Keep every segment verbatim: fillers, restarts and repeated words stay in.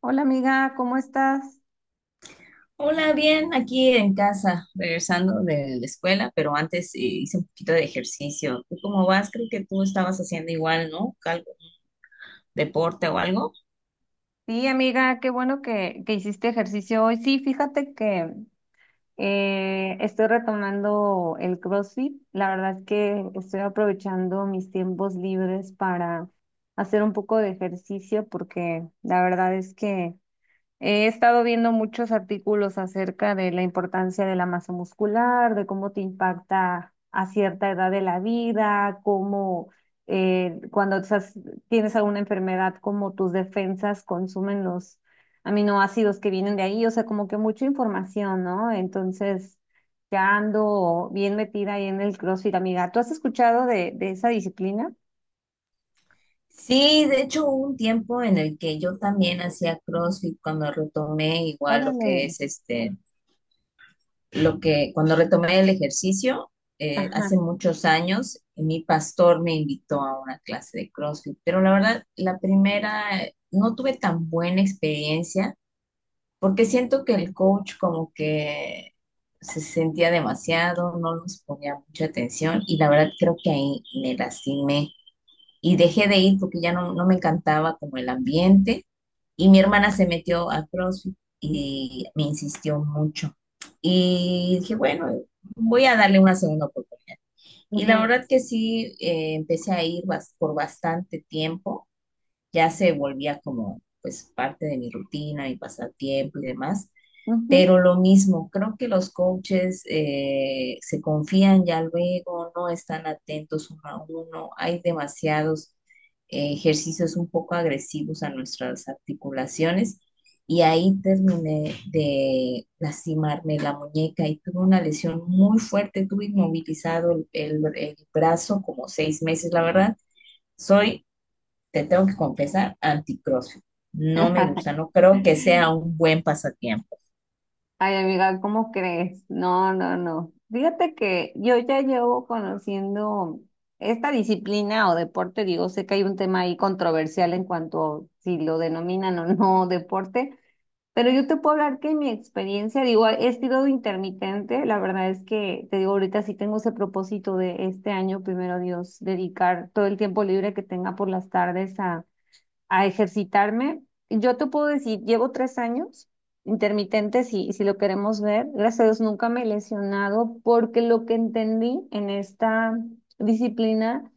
Hola amiga, ¿cómo estás? Hola, bien, aquí en casa, regresando de la escuela, pero antes eh, hice un poquito de ejercicio. ¿Tú cómo vas? Creo que tú estabas haciendo igual, ¿no? Algo, deporte o algo. Sí, amiga, qué bueno que, que hiciste ejercicio hoy. Sí, fíjate que eh, estoy retomando el CrossFit. La verdad es que estoy aprovechando mis tiempos libres para hacer un poco de ejercicio, porque la verdad es que he estado viendo muchos artículos acerca de la importancia de la masa muscular, de cómo te impacta a cierta edad de la vida, cómo eh, cuando estás- tienes alguna enfermedad, cómo tus defensas consumen los aminoácidos que vienen de ahí. O sea, como que mucha información, ¿no? Entonces, ya ando bien metida ahí en el CrossFit, amiga. ¿Tú has escuchado de, de esa disciplina? Sí, de hecho hubo un tiempo en el que yo también hacía CrossFit cuando retomé igual lo Órale. que es este, lo que cuando retomé el ejercicio, eh, Ajá. hace muchos años, mi pastor me invitó a una clase de CrossFit, pero la verdad, la primera, eh, no tuve tan buena experiencia porque siento que el coach como que se sentía demasiado, no nos ponía mucha atención y la verdad creo que ahí me lastimé y dejé de ir porque ya no, no me encantaba como el ambiente, y mi hermana se metió a CrossFit y me insistió mucho y dije, bueno, voy a darle una segunda oportunidad. Y la Ujú, verdad que sí, eh, empecé a ir bas- por bastante tiempo, ya se volvía como pues parte de mi rutina, mi pasatiempo y demás. ujú. Pero lo mismo, creo que los coaches, eh, se confían ya luego, no están atentos uno a uno, hay demasiados eh, ejercicios un poco agresivos a nuestras articulaciones, y ahí terminé de lastimarme la muñeca y tuve una lesión muy fuerte, tuve inmovilizado el, el- el brazo como seis meses, la verdad. Soy, te tengo que confesar, anti-CrossFit. No me gusta, no creo que sea un buen pasatiempo. Ay, amiga, ¿cómo crees? No, no, no. Fíjate que yo ya llevo conociendo esta disciplina o deporte, digo, sé que hay un tema ahí controversial en cuanto si lo denominan o no deporte, pero yo te puedo hablar que mi experiencia, digo, he sido intermitente, la verdad es que te digo, ahorita sí tengo ese propósito de este año, primero Dios, dedicar todo el tiempo libre que tenga por las tardes a ejercitarme. Yo te puedo decir, llevo tres años intermitentes, y, y si lo queremos ver, gracias a Dios nunca me he lesionado, porque lo que entendí en esta disciplina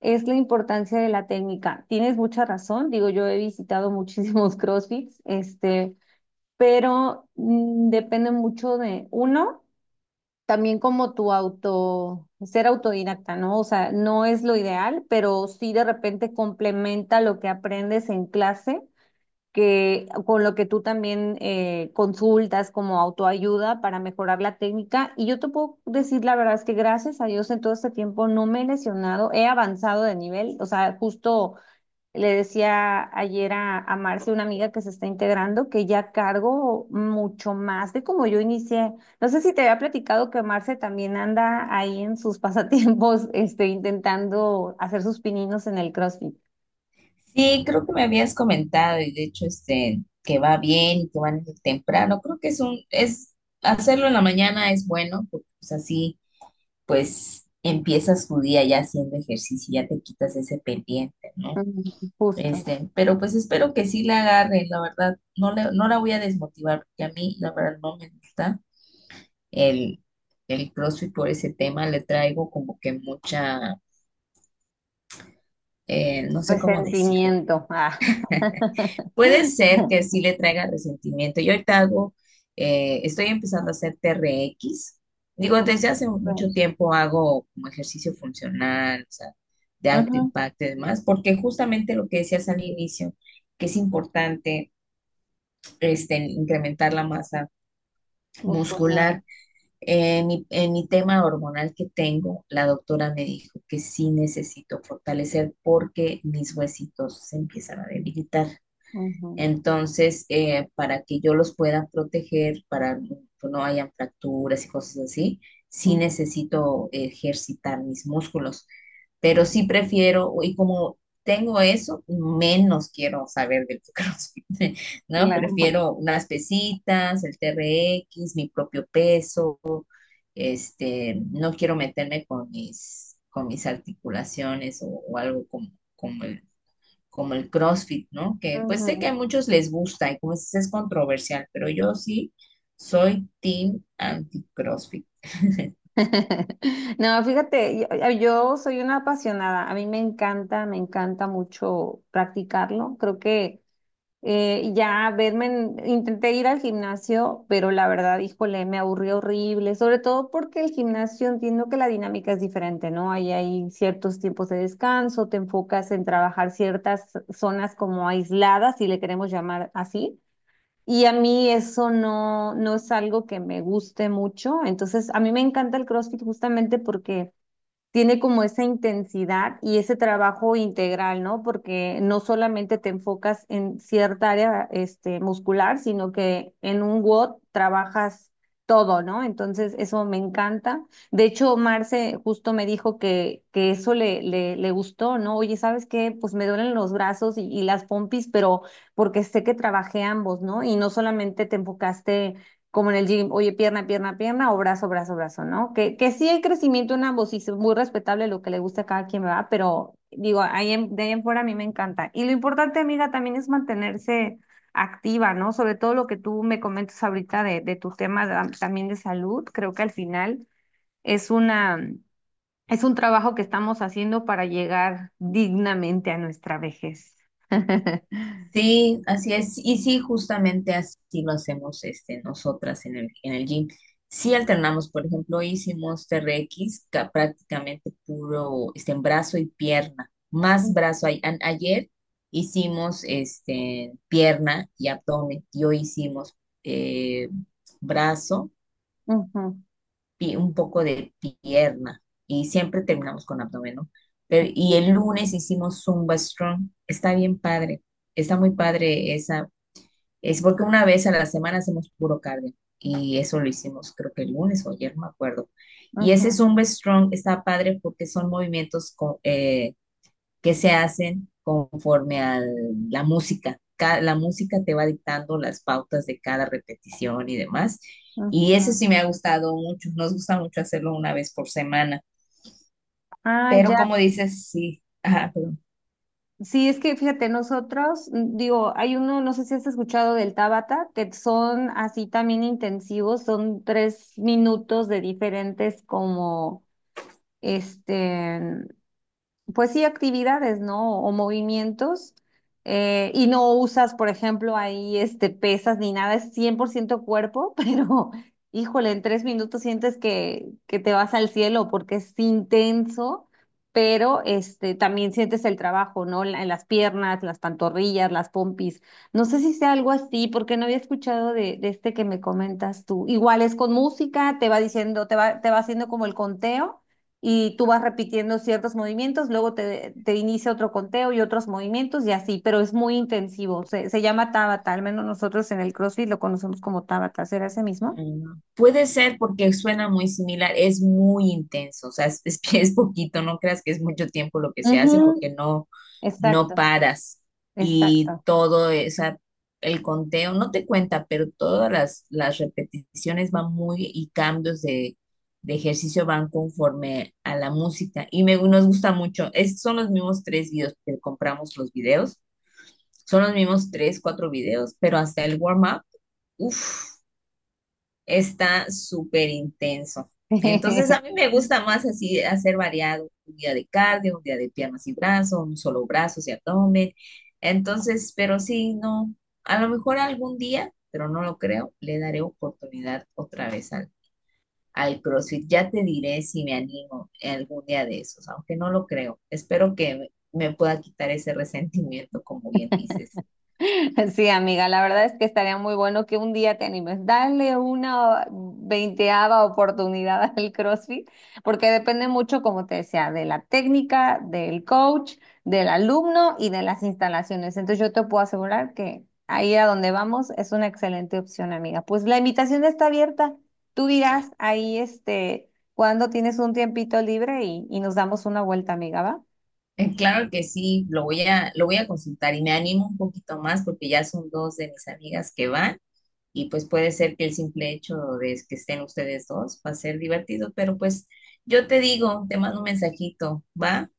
es la importancia de la técnica. Tienes mucha razón, digo, yo he visitado muchísimos CrossFits, este, pero mm, depende mucho de uno, también como tu auto, ser autodidacta, ¿no? O sea, no es lo ideal, pero sí de repente complementa lo que aprendes en clase que con lo que tú también eh, consultas como autoayuda para mejorar la técnica. Y yo te puedo decir, la verdad es que gracias a Dios en todo este tiempo no me he lesionado, he avanzado de nivel. O sea, justo le decía ayer a, a Marce, una amiga que se está integrando, que ya cargo mucho más de como yo inicié. No sé si te había platicado que Marce también anda ahí en sus pasatiempos, este, intentando hacer sus pininos en el CrossFit. Sí, creo que me habías comentado, y de hecho este que va bien y que van desde temprano. Creo que es un es hacerlo en la mañana es bueno, porque pues así pues empiezas tu día ya haciendo ejercicio y ya te quitas ese pendiente, ¿no? Ujú. Justo. Este, pero pues espero que sí la agarre, la verdad, no le, no la voy a desmotivar, porque a mí la verdad no me gusta el el CrossFit por ese tema. Le traigo como que mucha, eh, no sé cómo decirlo. Resentimiento. Ah. Puede ser que sí le traiga resentimiento. Yo ahorita hago, eh, estoy empezando a hacer T R X. Digo, desde hace mucho Pues. tiempo hago como ejercicio funcional, o sea, de alto Ujú. impacto y demás, porque justamente lo que decías al inicio, que es importante, este, incrementar la masa Muscular. muscular. En mi, en mi tema hormonal que tengo, la doctora me dijo que sí necesito fortalecer porque mis huesitos se empiezan a debilitar. Ujú, Entonces, eh, para que yo los pueda proteger, para que no hayan fracturas y cosas así, sí ujú. necesito ejercitar mis músculos. Pero sí prefiero, y como tengo eso, menos quiero saber del CrossFit, ¿no? Claro. Prefiero unas pesitas, el T R X, mi propio peso. Este, no quiero meterme con mis, con mis articulaciones, o, o algo como, como el como el CrossFit, ¿no? Que pues sé que Ujú. a muchos les gusta y, como dices, es controversial, pero yo sí soy team anti-CrossFit. No, fíjate, yo, yo soy una apasionada. A mí me encanta, me encanta mucho practicarlo. Creo que Eh, ya verme, en- intenté ir al gimnasio, pero la verdad, híjole, me aburrió horrible, sobre todo porque el gimnasio, entiendo que la dinámica es diferente, ¿no? Ahí hay ciertos tiempos de descanso, te enfocas en trabajar ciertas zonas como aisladas, si le queremos llamar así, y a mí eso no, no es algo que me guste mucho. Entonces a mí me encanta el CrossFit justamente porque tiene como esa intensidad y ese trabajo integral, ¿no? Porque no solamente te enfocas en cierta área, este, muscular, sino que en un WOD trabajas todo, ¿no? Entonces, eso me encanta. De hecho, Marce justo me dijo que, que eso le, le, le gustó, ¿no? Oye, ¿sabes qué? Pues me duelen los brazos y, y las pompis, pero porque sé que trabajé ambos, ¿no? Y no solamente te enfocaste como en el gym, oye, pierna, pierna, pierna o brazo, brazo, brazo, ¿no? Que, que sí hay crecimiento en ambos, y es muy respetable lo que le gusta a cada quien, ¿verdad? Pero digo, ahí en- de ahí en fuera, a mí me encanta. Y lo importante, amiga, también es mantenerse activa, ¿no? Sobre todo lo que tú me comentas ahorita de, de tu tema da- también de salud, creo que al final es una, es un trabajo que estamos haciendo para llegar dignamente a nuestra vejez. Sí, así es. Y sí, justamente así lo hacemos, este, nosotras en el, en el gym. Sí alternamos, por ejemplo, hicimos T R X, ca- prácticamente puro, este, en brazo y pierna, más brazo. Ay- an- ayer hicimos, este, pierna y abdomen, y hoy hicimos, eh, brazo, Ujú, pi- un poco de pierna, y siempre terminamos con abdomen, ¿no? Pero, y el lunes hicimos Zumba Strong. Está bien padre, está muy padre esa. Es porque una vez a la semana hacemos puro cardio, y eso lo hicimos creo que el lunes o ayer, no me acuerdo. Y ese ujú, Zumba Strong está padre porque son movimientos co- eh, que se hacen conforme a la música. Ca- La música te va dictando las pautas de cada repetición y demás. Y ujú. eso sí me ha gustado mucho. Nos gusta mucho hacerlo una vez por semana. Ah, Pero ya. como dices, sí. Ajá, perdón. Sí, es que fíjate, nosotros, mm, digo, hay uno, no sé si has escuchado del Tabata, que son así también intensivos, son tres minutos de diferentes, como, este, pues sí, actividades, ¿no? O movimientos. eh, y no usas, por ejemplo, ahí, este, pesas ni nada, es cien por ciento cuerpo, pero híjole, en tres minutos sientes que, que te vas al cielo porque es intenso, pero, este, también sientes el trabajo, ¿no? La- En las piernas, las pantorrillas, las pompis. No sé si sea algo así, porque no había escuchado de, de este que me comentas tú. Igual es con música, te va diciendo, te va, te va haciendo como el conteo, y tú vas repitiendo ciertos movimientos, luego te, te inicia otro conteo y otros movimientos, y así, pero es muy intensivo. Se, se llama Tabata, al menos nosotros en el CrossFit lo conocemos como Tabata, ¿será ese mismo? Mm, Puede ser, porque suena muy similar, es muy intenso, o sea, es, es, que es poquito, no creas que es mucho tiempo lo que se hace, Ujú. porque no, no Exacto, paras, y exacto. todo, esa, el conteo no te cuenta, pero todas las, las repeticiones van muy, y cambios de, de ejercicio, van conforme a la música, y me, nos gusta mucho. Es, son los mismos tres videos, que compramos los videos, son los mismos tres, cuatro videos, pero hasta el warm-up, uff, está súper intenso. Entonces a mí me gusta más así hacer variado: un día de cardio, un día de piernas y brazos, un solo brazo y abdomen. Entonces, pero sí, no, a lo mejor algún día, pero no lo creo, le daré oportunidad otra vez al, al CrossFit. Ya te diré si me animo algún día de esos, aunque no lo creo. Espero que me me pueda quitar ese resentimiento, como bien dices. Sí, amiga, la verdad es que estaría muy bueno que un día te animes. Dale una veinteava oportunidad al CrossFit, porque depende mucho, como te decía, de la técnica, del coach, del alumno y de las instalaciones. Entonces, yo te puedo asegurar que ahí a donde vamos es una excelente opción, amiga. Pues la invitación está abierta. Tú dirás ahí, este, cuando tienes un tiempito libre y, y nos damos una vuelta, amiga, ¿va? Eh, Claro que sí, lo voy a, lo voy a consultar y me animo un poquito más, porque ya son dos de mis amigas que van, y pues puede ser que el simple hecho de que estén ustedes dos va a ser divertido, pero pues yo te digo, te mando un mensajito, ¿va?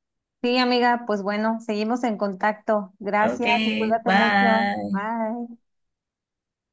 Sí, amiga, pues bueno, seguimos en contacto. Ok, Gracias y cuídate mucho. bye. Bye.